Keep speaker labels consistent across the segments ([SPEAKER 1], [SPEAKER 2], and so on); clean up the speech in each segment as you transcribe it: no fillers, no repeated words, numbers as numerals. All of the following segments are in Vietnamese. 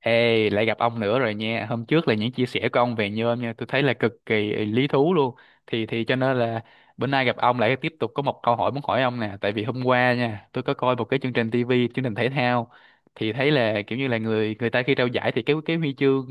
[SPEAKER 1] Ê, lại gặp ông nữa rồi nha. Hôm trước là những chia sẻ của ông về nhôm nha, tôi thấy là cực kỳ lý thú luôn. Thì cho nên là bữa nay gặp ông lại tiếp tục có một câu hỏi muốn hỏi ông nè, tại vì hôm qua nha, tôi có coi một cái chương trình TV, chương trình thể thao thì thấy là kiểu như là người người ta khi trao giải thì cái huy chương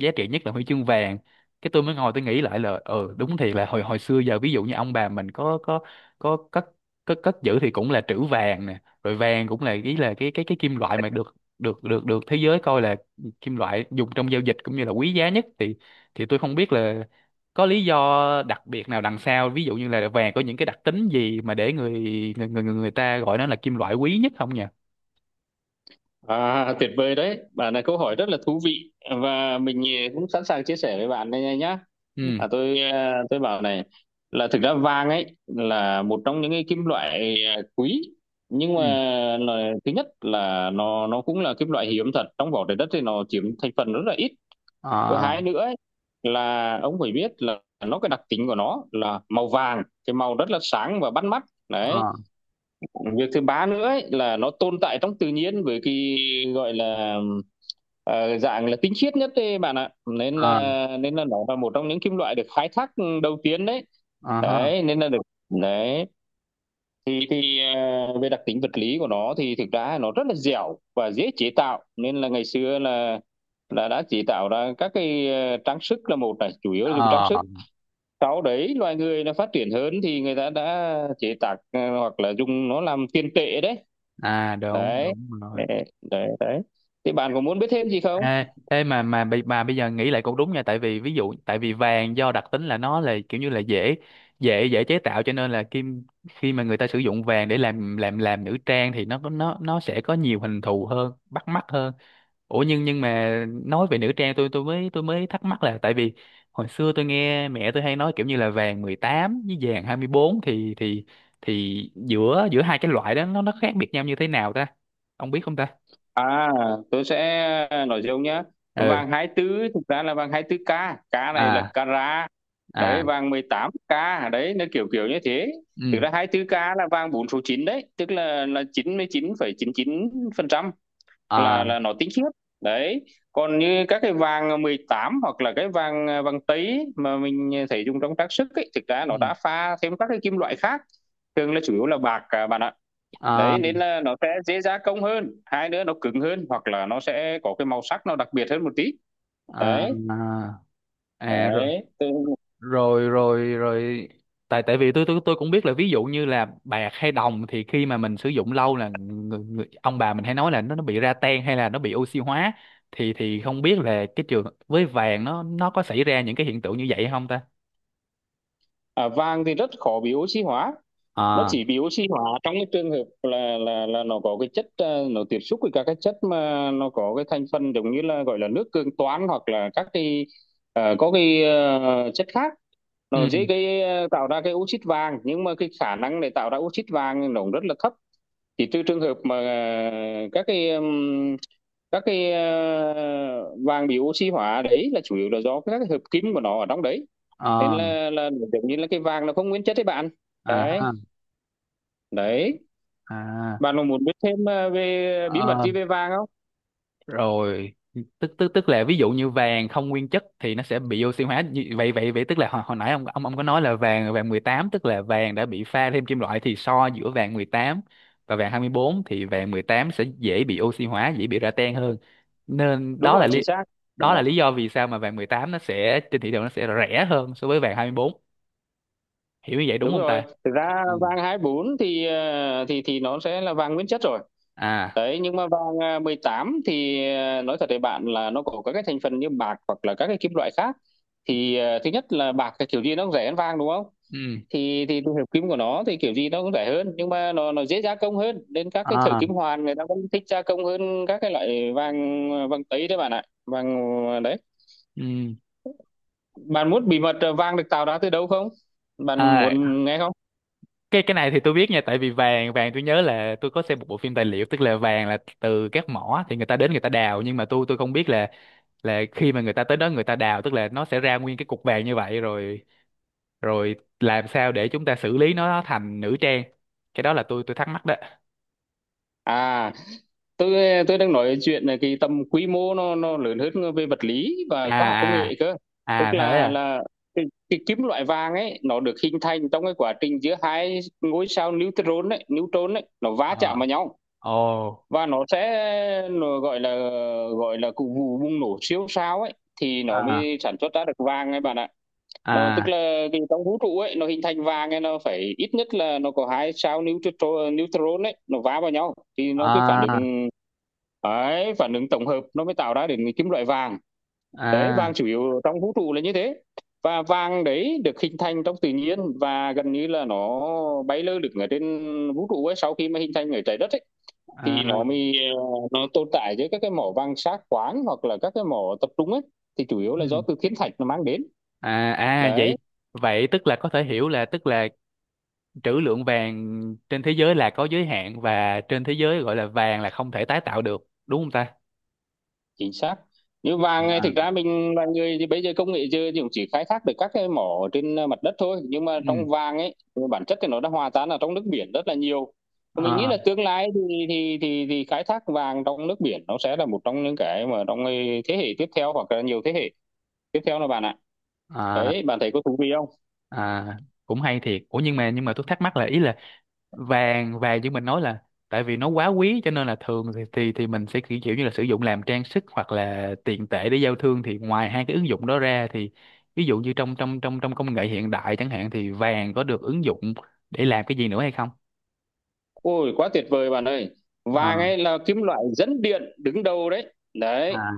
[SPEAKER 1] giá trị nhất là huy chương vàng. Cái tôi mới ngồi tôi nghĩ lại là ừ đúng thiệt là hồi hồi xưa giờ ví dụ như ông bà mình có cất cất cất giữ thì cũng là trữ vàng nè, rồi vàng cũng là ý là cái kim loại mà được được được được thế giới coi là kim loại dùng trong giao dịch cũng như là quý giá nhất thì tôi không biết là có lý do đặc biệt nào đằng sau ví dụ như là vàng có những cái đặc tính gì mà để người ta gọi nó là kim loại quý nhất không nhỉ.
[SPEAKER 2] À, tuyệt vời đấy. Bạn là câu hỏi rất là thú vị và mình cũng sẵn sàng chia sẻ với bạn đây nhá.
[SPEAKER 1] Ừ.
[SPEAKER 2] À, tôi bảo này là thực ra vàng ấy là một trong những cái kim loại quý, nhưng mà
[SPEAKER 1] Ừ.
[SPEAKER 2] là, thứ nhất là nó cũng là kim loại hiếm thật, trong vỏ trái đất thì nó chiếm thành phần rất là ít. Thứ
[SPEAKER 1] À.
[SPEAKER 2] hai nữa ấy, là ông phải biết là nó, cái đặc tính của nó là màu vàng, cái màu rất là sáng và bắt mắt. Đấy,
[SPEAKER 1] À.
[SPEAKER 2] việc thứ ba nữa ấy, là nó tồn tại trong tự nhiên với cái gọi là dạng là tinh khiết nhất đấy bạn ạ, nên
[SPEAKER 1] À.
[SPEAKER 2] là nó là một trong những kim loại được khai thác đầu tiên đấy.
[SPEAKER 1] À ha.
[SPEAKER 2] Đấy nên là được đấy. Thì về đặc tính vật lý của nó thì thực ra nó rất là dẻo và dễ chế tạo, nên là ngày xưa là đã chế tạo ra các cái trang sức là một này, chủ yếu là dùng trang sức.
[SPEAKER 1] À.
[SPEAKER 2] Sau đấy loài người nó phát triển hơn thì người ta đã chế tác, hoặc là dùng nó làm tiền tệ đấy.
[SPEAKER 1] À, đúng
[SPEAKER 2] Đấy
[SPEAKER 1] đúng rồi.
[SPEAKER 2] đấy đấy đấy. Thì bạn có muốn biết thêm gì không?
[SPEAKER 1] Ê, ê mà bây giờ nghĩ lại cũng đúng nha tại vì ví dụ tại vì vàng do đặc tính là nó là kiểu như là dễ dễ dễ chế tạo cho nên là khi mà người ta sử dụng vàng để làm nữ trang thì nó nó sẽ có nhiều hình thù hơn bắt mắt hơn. Ủa nhưng mà nói về nữ trang tôi mới thắc mắc là tại vì hồi xưa tôi nghe mẹ tôi hay nói kiểu như là vàng 18 với vàng 24 thì thì giữa giữa hai cái loại đó nó khác biệt nhau như thế nào ta? Ông biết không ta?
[SPEAKER 2] À, tôi sẽ nói dâu nhá.
[SPEAKER 1] Ừ.
[SPEAKER 2] Vàng 24 thực ra là vàng 24 ca, k này là
[SPEAKER 1] À.
[SPEAKER 2] carat.
[SPEAKER 1] À.
[SPEAKER 2] Đấy, vàng 18 ca, đấy nó kiểu kiểu như thế. Thực
[SPEAKER 1] Ừ.
[SPEAKER 2] ra 24 ca là vàng 4 số chín, đấy tức là chín chín chín mươi phẩy chín chín phần trăm, là
[SPEAKER 1] À.
[SPEAKER 2] là nó tinh khiết. Đấy. Còn như các cái vàng 18 hoặc là cái vàng vàng tý mà mình thấy dùng trong trang sức ấy, thực ra nó
[SPEAKER 1] Ừ.
[SPEAKER 2] đã pha thêm các cái kim loại khác, thường là chủ yếu là bạc, à, bạn ạ.
[SPEAKER 1] À.
[SPEAKER 2] Đấy nên là nó sẽ dễ gia công hơn, hai nữa nó cứng hơn, hoặc là nó sẽ có cái màu sắc nó đặc biệt hơn một tí.
[SPEAKER 1] À,
[SPEAKER 2] Đấy
[SPEAKER 1] à, à rồi,
[SPEAKER 2] đấy.
[SPEAKER 1] rồi. Tại tại vì tôi cũng biết là ví dụ như là bạc hay đồng thì khi mà mình sử dụng lâu là người, người, ông bà mình hay nói là nó bị ra ten hay là nó bị oxy hóa thì không biết là cái trường với vàng nó có xảy ra những cái hiện tượng như vậy hay không ta?
[SPEAKER 2] À, vàng thì rất khó bị oxy hóa. Nó
[SPEAKER 1] À.
[SPEAKER 2] chỉ bị oxy hóa trong cái trường hợp là nó có cái chất, nó tiếp xúc với các cái chất mà nó có cái thành phần giống như là gọi là nước cường toan, hoặc là các cái chất khác. Nó dễ
[SPEAKER 1] Ừ.
[SPEAKER 2] gây tạo ra cái oxit vàng, nhưng mà cái khả năng để tạo ra oxit vàng nó cũng rất là thấp. Chỉ trừ trường hợp mà vàng bị oxy hóa đấy là chủ yếu là do các cái hợp kim của nó ở trong đấy, nên
[SPEAKER 1] À.
[SPEAKER 2] là giống như là cái vàng là không nguyên chất đấy bạn.
[SPEAKER 1] À
[SPEAKER 2] Đấy
[SPEAKER 1] ha.
[SPEAKER 2] đấy.
[SPEAKER 1] À.
[SPEAKER 2] Bạn có muốn biết thêm về bí mật
[SPEAKER 1] Ờ.
[SPEAKER 2] gì về vàng không?
[SPEAKER 1] Rồi. Tức tức tức là ví dụ như vàng không nguyên chất thì nó sẽ bị oxy hóa như vậy vậy vậy tức là hồi, hồi nãy ông có nói là vàng vàng 18 tức là vàng đã bị pha thêm kim loại thì so giữa vàng 18 và vàng 24 thì vàng 18 sẽ dễ bị oxy hóa dễ bị ra tan hơn nên
[SPEAKER 2] Đúng rồi, chính xác.
[SPEAKER 1] đó
[SPEAKER 2] Dạ,
[SPEAKER 1] là lý do vì sao mà vàng 18 nó sẽ trên thị trường nó sẽ rẻ hơn so với vàng 24. Hiểu như vậy đúng
[SPEAKER 2] đúng
[SPEAKER 1] không
[SPEAKER 2] rồi,
[SPEAKER 1] ta?
[SPEAKER 2] thực ra
[SPEAKER 1] Ừ.
[SPEAKER 2] vàng 24 thì thì nó sẽ là vàng nguyên chất rồi.
[SPEAKER 1] À.
[SPEAKER 2] Đấy, nhưng mà vàng, à, 18 thì, nói thật với bạn là nó có các cái thành phần như bạc hoặc là các cái kim loại khác, thì thứ nhất là bạc cái kiểu gì nó cũng rẻ hơn vàng đúng không.
[SPEAKER 1] Ừ.
[SPEAKER 2] Thì tìm hiểu kim của nó thì kiểu gì nó cũng rẻ hơn, nhưng mà nó dễ gia công hơn, nên các cái thợ
[SPEAKER 1] À.
[SPEAKER 2] kim hoàn người ta cũng thích gia công hơn các cái loại vàng, vàng tây đấy bạn ạ. Vàng đấy.
[SPEAKER 1] Ừ.
[SPEAKER 2] Bạn muốn bí mật, vàng được tạo ra từ đâu không? Bạn
[SPEAKER 1] À,
[SPEAKER 2] muốn nghe không?
[SPEAKER 1] cái này thì tôi biết nha tại vì vàng vàng tôi nhớ là tôi có xem một bộ phim tài liệu tức là vàng là từ các mỏ thì người ta đến người ta đào nhưng mà tôi không biết là khi mà người ta tới đó người ta đào tức là nó sẽ ra nguyên cái cục vàng như vậy rồi rồi làm sao để chúng ta xử lý nó thành nữ trang, cái đó là tôi thắc mắc đó.
[SPEAKER 2] À, tôi tôi đang nói chuyện là cái tầm quy mô nó lớn hơn về vật lý và khoa học công
[SPEAKER 1] À.
[SPEAKER 2] nghệ cơ.
[SPEAKER 1] À.
[SPEAKER 2] Tức
[SPEAKER 1] À thế
[SPEAKER 2] là
[SPEAKER 1] à.
[SPEAKER 2] cái kim loại vàng ấy nó được hình thành trong cái quá trình giữa hai ngôi sao neutron ấy nó va
[SPEAKER 1] Ờ.
[SPEAKER 2] chạm vào nhau.
[SPEAKER 1] Ồ.
[SPEAKER 2] Và nó gọi là cụ vụ bùng nổ siêu sao ấy, thì nó
[SPEAKER 1] À.
[SPEAKER 2] mới sản xuất ra được vàng ấy bạn ạ. Nó tức
[SPEAKER 1] À.
[SPEAKER 2] là cái trong vũ trụ ấy nó hình thành vàng ấy nó phải ít nhất là nó có hai sao neutron neutron ấy nó va vào nhau, thì nó cái phản
[SPEAKER 1] À.
[SPEAKER 2] ứng ấy phản ứng tổng hợp nó mới tạo ra đến cái kim loại vàng. Đấy, vàng
[SPEAKER 1] À.
[SPEAKER 2] chủ yếu trong vũ trụ là như thế. Và vàng đấy được hình thành trong tự nhiên và gần như là nó bay lơ lửng ở trên vũ trụ ấy, sau khi mà hình thành ở trái đất ấy thì
[SPEAKER 1] À.
[SPEAKER 2] nó tồn tại với các cái mỏ vàng sát khoáng hoặc là các cái mỏ tập trung ấy, thì chủ yếu là do
[SPEAKER 1] Ừ.
[SPEAKER 2] từ thiên thạch nó mang đến.
[SPEAKER 1] À. À vậy
[SPEAKER 2] Đấy
[SPEAKER 1] vậy tức là có thể hiểu là tức là trữ lượng vàng trên thế giới là có giới hạn và trên thế giới gọi là vàng là không thể tái tạo được, đúng không ta?
[SPEAKER 2] chính xác. Như vàng này
[SPEAKER 1] À.
[SPEAKER 2] thực ra mình là người thì bây giờ công nghệ giờ thì cũng chỉ khai thác được các cái mỏ trên, mặt đất thôi, nhưng mà
[SPEAKER 1] Ừ.
[SPEAKER 2] trong vàng ấy bản chất thì nó đã hòa tan ở trong nước biển rất là nhiều. Và mình nghĩ
[SPEAKER 1] À,
[SPEAKER 2] là tương lai thì thì khai thác vàng trong nước biển nó sẽ là một trong những cái mà trong, thế hệ tiếp theo hoặc là nhiều thế hệ tiếp theo là bạn ạ.
[SPEAKER 1] à,
[SPEAKER 2] Đấy bạn thấy có thú vị không?
[SPEAKER 1] à, cũng hay thiệt. Ủa nhưng mà tôi thắc mắc là ý là vàng vàng như mình nói là tại vì nó quá quý cho nên là thường thì thì mình sẽ kiểu kiểu như là sử dụng làm trang sức hoặc là tiền tệ để giao thương thì ngoài hai cái ứng dụng đó ra thì ví dụ như trong trong công nghệ hiện đại chẳng hạn thì vàng có được ứng dụng để làm cái gì nữa hay không?
[SPEAKER 2] Ôi quá tuyệt vời bạn ơi.
[SPEAKER 1] Ờ.
[SPEAKER 2] Vàng ấy là kim loại dẫn điện đứng đầu đấy. Đấy,
[SPEAKER 1] À,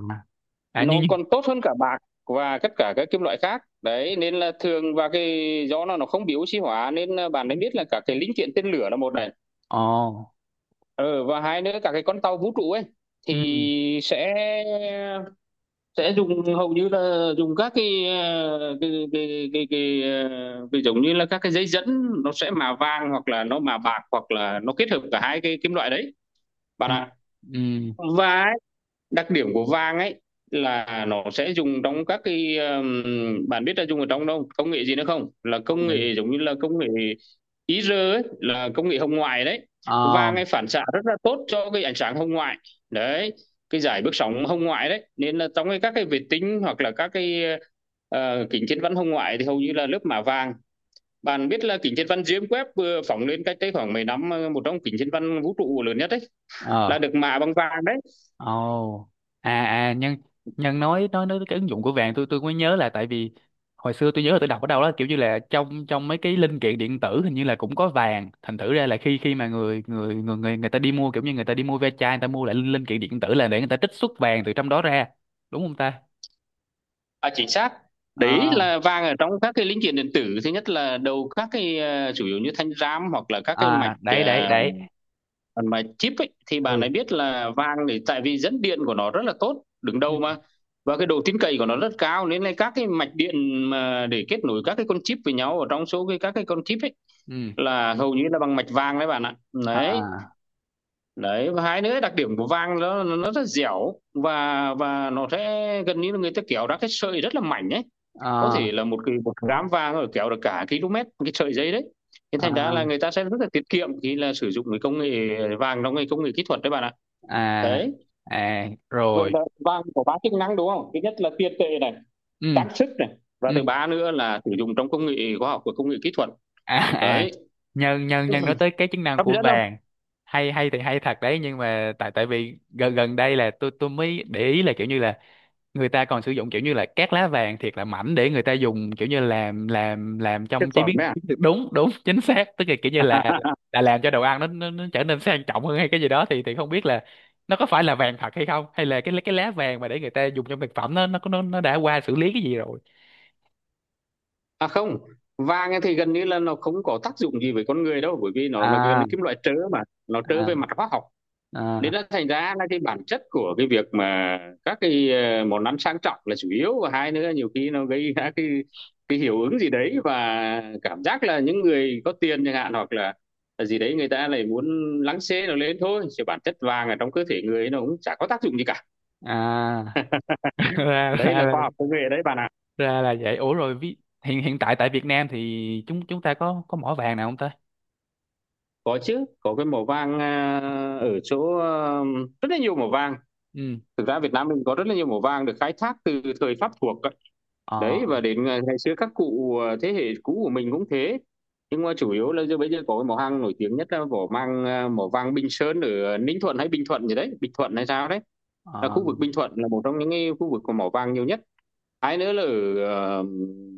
[SPEAKER 1] à nhưng
[SPEAKER 2] nó
[SPEAKER 1] nhưng.
[SPEAKER 2] còn tốt hơn cả bạc và tất cả các kim loại khác. Đấy nên là thường, và cái do nó không bị oxy hóa, nên là bạn ấy biết là cả cái linh kiện tên lửa là một này.
[SPEAKER 1] Ồ.
[SPEAKER 2] Ờ và hai nữa cả cái con tàu vũ trụ ấy
[SPEAKER 1] Ừ.
[SPEAKER 2] thì sẽ dùng hầu như là dùng các cái ờ, cái cái cái, cái, ờ, cái giống như là các cái dây dẫn, nó sẽ mạ vàng hoặc là nó mạ bạc hoặc là nó kết hợp cả hai cái kim loại đấy bạn
[SPEAKER 1] Ừ,
[SPEAKER 2] ạ.
[SPEAKER 1] ừ,
[SPEAKER 2] Và đặc điểm của vàng ấy là nó sẽ dùng trong các cái, bạn biết là dùng ở trong đâu công nghệ gì nữa không, là
[SPEAKER 1] công
[SPEAKER 2] công
[SPEAKER 1] nghệ.
[SPEAKER 2] nghệ giống như là công nghệ IR ấy, là công nghệ hồng ngoại đấy.
[SPEAKER 1] Ờ.
[SPEAKER 2] Vàng ấy phản xạ rất là tốt cho cái ánh sáng hồng ngoại đấy, cái giải bước sóng hồng ngoại đấy, nên là trong cái các cái vệ tinh hoặc là các cái, kính thiên văn hồng ngoại thì hầu như là lớp mạ vàng. Bạn biết là kính thiên văn James Webb vừa phóng lên cách đây khoảng mấy năm, một trong kính thiên văn vũ trụ lớn nhất đấy là
[SPEAKER 1] Ờ.
[SPEAKER 2] được mạ bằng vàng đấy.
[SPEAKER 1] Ồ. À. À nhân nhân nói cái ứng dụng của vàng tôi mới nhớ là tại vì hồi xưa tôi nhớ là tôi đọc ở đâu đó kiểu như là trong trong mấy cái linh kiện điện tử hình như là cũng có vàng thành thử ra là khi khi mà người người người người người ta đi mua kiểu như người ta đi mua ve chai người ta mua lại linh kiện điện tử là để người ta trích xuất vàng từ trong đó ra, đúng không ta?
[SPEAKER 2] À, chính xác. Đấy
[SPEAKER 1] À.
[SPEAKER 2] là vàng ở trong các cái linh kiện điện tử, thứ nhất là đầu các cái, chủ yếu như thanh RAM hoặc là các cái mạch,
[SPEAKER 1] À đấy đấy đấy.
[SPEAKER 2] phần mà chip ấy, thì bạn ấy
[SPEAKER 1] Ừ.
[SPEAKER 2] biết là vàng thì tại vì dẫn điện của nó rất là tốt đứng
[SPEAKER 1] Ừ.
[SPEAKER 2] đầu mà, và cái độ tin cậy của nó rất cao, nên là các cái mạch điện mà để kết nối các cái con chip với nhau ở trong số cái các cái con chip ấy
[SPEAKER 1] Ừ.
[SPEAKER 2] là hầu như là bằng mạch vàng đấy bạn ạ. Đấy.
[SPEAKER 1] À.
[SPEAKER 2] Đấy và hai nữa đặc điểm của vàng nó rất dẻo, và nó sẽ gần như là người ta kéo ra cái sợi rất là mảnh ấy, có
[SPEAKER 1] À.
[SPEAKER 2] thể là một cái một gám vàng rồi kéo được cả km cái sợi dây đấy, thế thành ra là
[SPEAKER 1] À.
[SPEAKER 2] người ta sẽ rất là tiết kiệm khi là sử dụng cái công nghệ vàng trong cái công nghệ kỹ thuật đấy bạn ạ.
[SPEAKER 1] À.
[SPEAKER 2] Đấy.
[SPEAKER 1] À
[SPEAKER 2] Vậy
[SPEAKER 1] rồi.
[SPEAKER 2] là vàng có ba chức năng đúng không, thứ nhất là tiền tệ này,
[SPEAKER 1] Ừ.
[SPEAKER 2] trang sức này, và
[SPEAKER 1] Ừ.
[SPEAKER 2] thứ ba nữa là sử dụng trong công nghệ khoa học và công nghệ kỹ thuật.
[SPEAKER 1] À. À
[SPEAKER 2] Đấy
[SPEAKER 1] nhân nhân nhân nói tới cái chức năng
[SPEAKER 2] hấp
[SPEAKER 1] của
[SPEAKER 2] dẫn không?
[SPEAKER 1] vàng hay hay thì hay thật đấy nhưng mà tại tại vì gần gần đây là tôi mới để ý là kiểu như là người ta còn sử dụng kiểu như là các lá vàng thiệt là mảnh để người ta dùng kiểu như làm
[SPEAKER 2] Thực
[SPEAKER 1] trong chế
[SPEAKER 2] phẩm
[SPEAKER 1] biến
[SPEAKER 2] đấy à?
[SPEAKER 1] chiến lược. Đúng đúng chính xác tức là kiểu như là làm cho đồ ăn nó nó trở nên sang trọng hơn hay cái gì đó thì không biết là nó có phải là vàng thật hay không hay là cái lá vàng mà để người ta dùng trong thực phẩm nó đã qua xử lý cái gì rồi.
[SPEAKER 2] À không, vàng thì gần như là nó không có tác dụng gì với con người đâu, bởi vì nó là cái
[SPEAKER 1] À.
[SPEAKER 2] kim loại trớ mà, nó trớ
[SPEAKER 1] À.
[SPEAKER 2] về mặt hóa học, nên
[SPEAKER 1] À.
[SPEAKER 2] nó thành ra là cái bản chất của cái việc mà các cái, món ăn sang trọng là chủ yếu, và hai nữa nhiều khi nó gây ra cái hiệu ứng gì đấy, và cảm giác là những người có tiền chẳng hạn hoặc là gì đấy, người ta lại muốn lắng xê nó lên thôi, chứ bản chất vàng ở trong cơ thể người nó cũng chả có tác dụng gì cả.
[SPEAKER 1] À. ra
[SPEAKER 2] Đấy là khoa học công nghệ đấy bạn ạ. À,
[SPEAKER 1] ra là vậy. Ủa rồi hiện hiện tại tại Việt Nam thì chúng chúng ta có mỏ vàng nào không ta?
[SPEAKER 2] có chứ, có cái màu vàng, à, ở chỗ, à, rất là nhiều màu vàng.
[SPEAKER 1] Ừ.
[SPEAKER 2] Thực ra Việt Nam mình có rất là nhiều màu vàng được khai thác từ thời Pháp thuộc đấy,
[SPEAKER 1] Ờ.
[SPEAKER 2] và đến ngày ngày xưa các cụ, thế hệ cũ của mình cũng thế, nhưng mà chủ yếu là giờ bây giờ có cái mỏ hang nổi tiếng nhất là mỏ vàng Bình Sơn ở, Ninh Thuận hay Bình Thuận gì đấy, Bình Thuận hay sao đấy, là
[SPEAKER 1] Ờ.
[SPEAKER 2] khu vực Bình Thuận là một trong những cái khu vực có mỏ vàng nhiều nhất. Hai nữa là ở, ờ,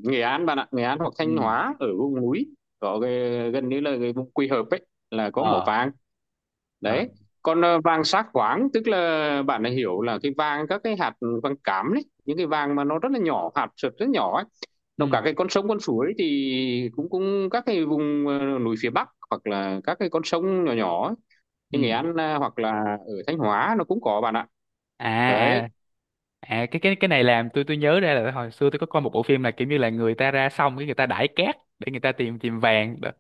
[SPEAKER 2] Nghệ An bạn ạ, Nghệ An hoặc
[SPEAKER 1] Ừ.
[SPEAKER 2] Thanh Hóa ở vùng núi, có cái gần như là cái vùng Quỳ Hợp ấy là có mỏ
[SPEAKER 1] Ờ.
[SPEAKER 2] vàng
[SPEAKER 1] Ờ.
[SPEAKER 2] đấy. Còn vàng sát quáng tức là bạn đã hiểu là cái vàng các cái hạt vàng cám đấy, những cái vàng mà nó rất là nhỏ hạt sật rất nhỏ ấy, nó cả
[SPEAKER 1] Ừ.
[SPEAKER 2] cái con sông con suối thì cũng cũng các cái vùng, núi phía Bắc hoặc là các cái con sông nhỏ nhỏ ấy, như Nghệ
[SPEAKER 1] Ừ.
[SPEAKER 2] An, hoặc là ở Thanh Hóa nó cũng có bạn ạ.
[SPEAKER 1] À. À.
[SPEAKER 2] Đấy.
[SPEAKER 1] À cái này làm tôi nhớ ra là hồi xưa tôi có coi một bộ phim là kiểu như là người ta ra xong cái người ta đãi cát để người ta tìm tìm vàng đó.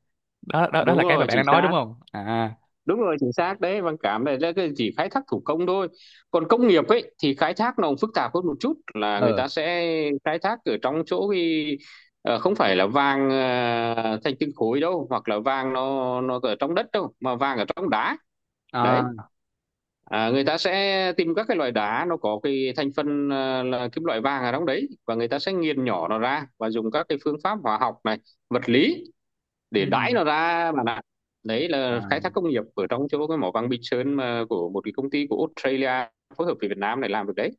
[SPEAKER 1] Đó đó, đó
[SPEAKER 2] Đúng
[SPEAKER 1] là cái mà
[SPEAKER 2] rồi
[SPEAKER 1] bạn
[SPEAKER 2] chính
[SPEAKER 1] đang nói đúng
[SPEAKER 2] xác.
[SPEAKER 1] không à?
[SPEAKER 2] Đúng rồi chính xác đấy. Văn cảm này là cái chỉ khai thác thủ công thôi, còn công nghiệp ấy thì khai thác nó cũng phức tạp hơn một chút, là người
[SPEAKER 1] Ờ.
[SPEAKER 2] ta sẽ khai thác ở trong chỗ cái, không phải là vàng, thành từng khối đâu hoặc là vàng nó ở trong đất đâu, mà vàng ở trong đá đấy.
[SPEAKER 1] À.
[SPEAKER 2] À, người ta sẽ tìm các cái loại đá nó có cái thành phần, là kim loại vàng ở trong đấy, và người ta sẽ nghiền nhỏ nó ra và dùng các cái phương pháp hóa học này, vật lý, để
[SPEAKER 1] Ừ.
[SPEAKER 2] đãi nó ra bạn ạ. Đấy
[SPEAKER 1] À,
[SPEAKER 2] là khai thác công nghiệp ở trong chỗ cái mỏ vàng Bình Sơn mà của một cái công ty của Australia phối hợp với Việt Nam này làm được đấy.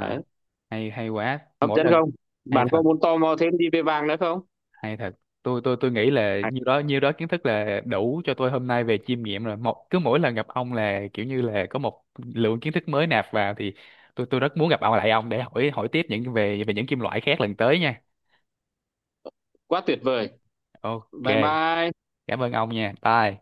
[SPEAKER 2] Đấy.
[SPEAKER 1] hay hay quá
[SPEAKER 2] Hấp
[SPEAKER 1] mỗi
[SPEAKER 2] dẫn
[SPEAKER 1] lần.
[SPEAKER 2] không?
[SPEAKER 1] Hay
[SPEAKER 2] Bạn
[SPEAKER 1] thật.
[SPEAKER 2] có muốn tò mò thêm gì về vàng nữa không?
[SPEAKER 1] Hay thật. Tôi nghĩ là
[SPEAKER 2] À,
[SPEAKER 1] nhiêu đó kiến thức là đủ cho tôi hôm nay về chiêm nghiệm rồi. Một cứ mỗi lần gặp ông là kiểu như là có một lượng kiến thức mới nạp vào thì tôi rất muốn gặp ông lại ông để hỏi hỏi tiếp những về về những kim loại khác lần tới nha.
[SPEAKER 2] quá tuyệt vời.
[SPEAKER 1] Ok,
[SPEAKER 2] Bye bye.
[SPEAKER 1] cảm ơn ông nha, bye.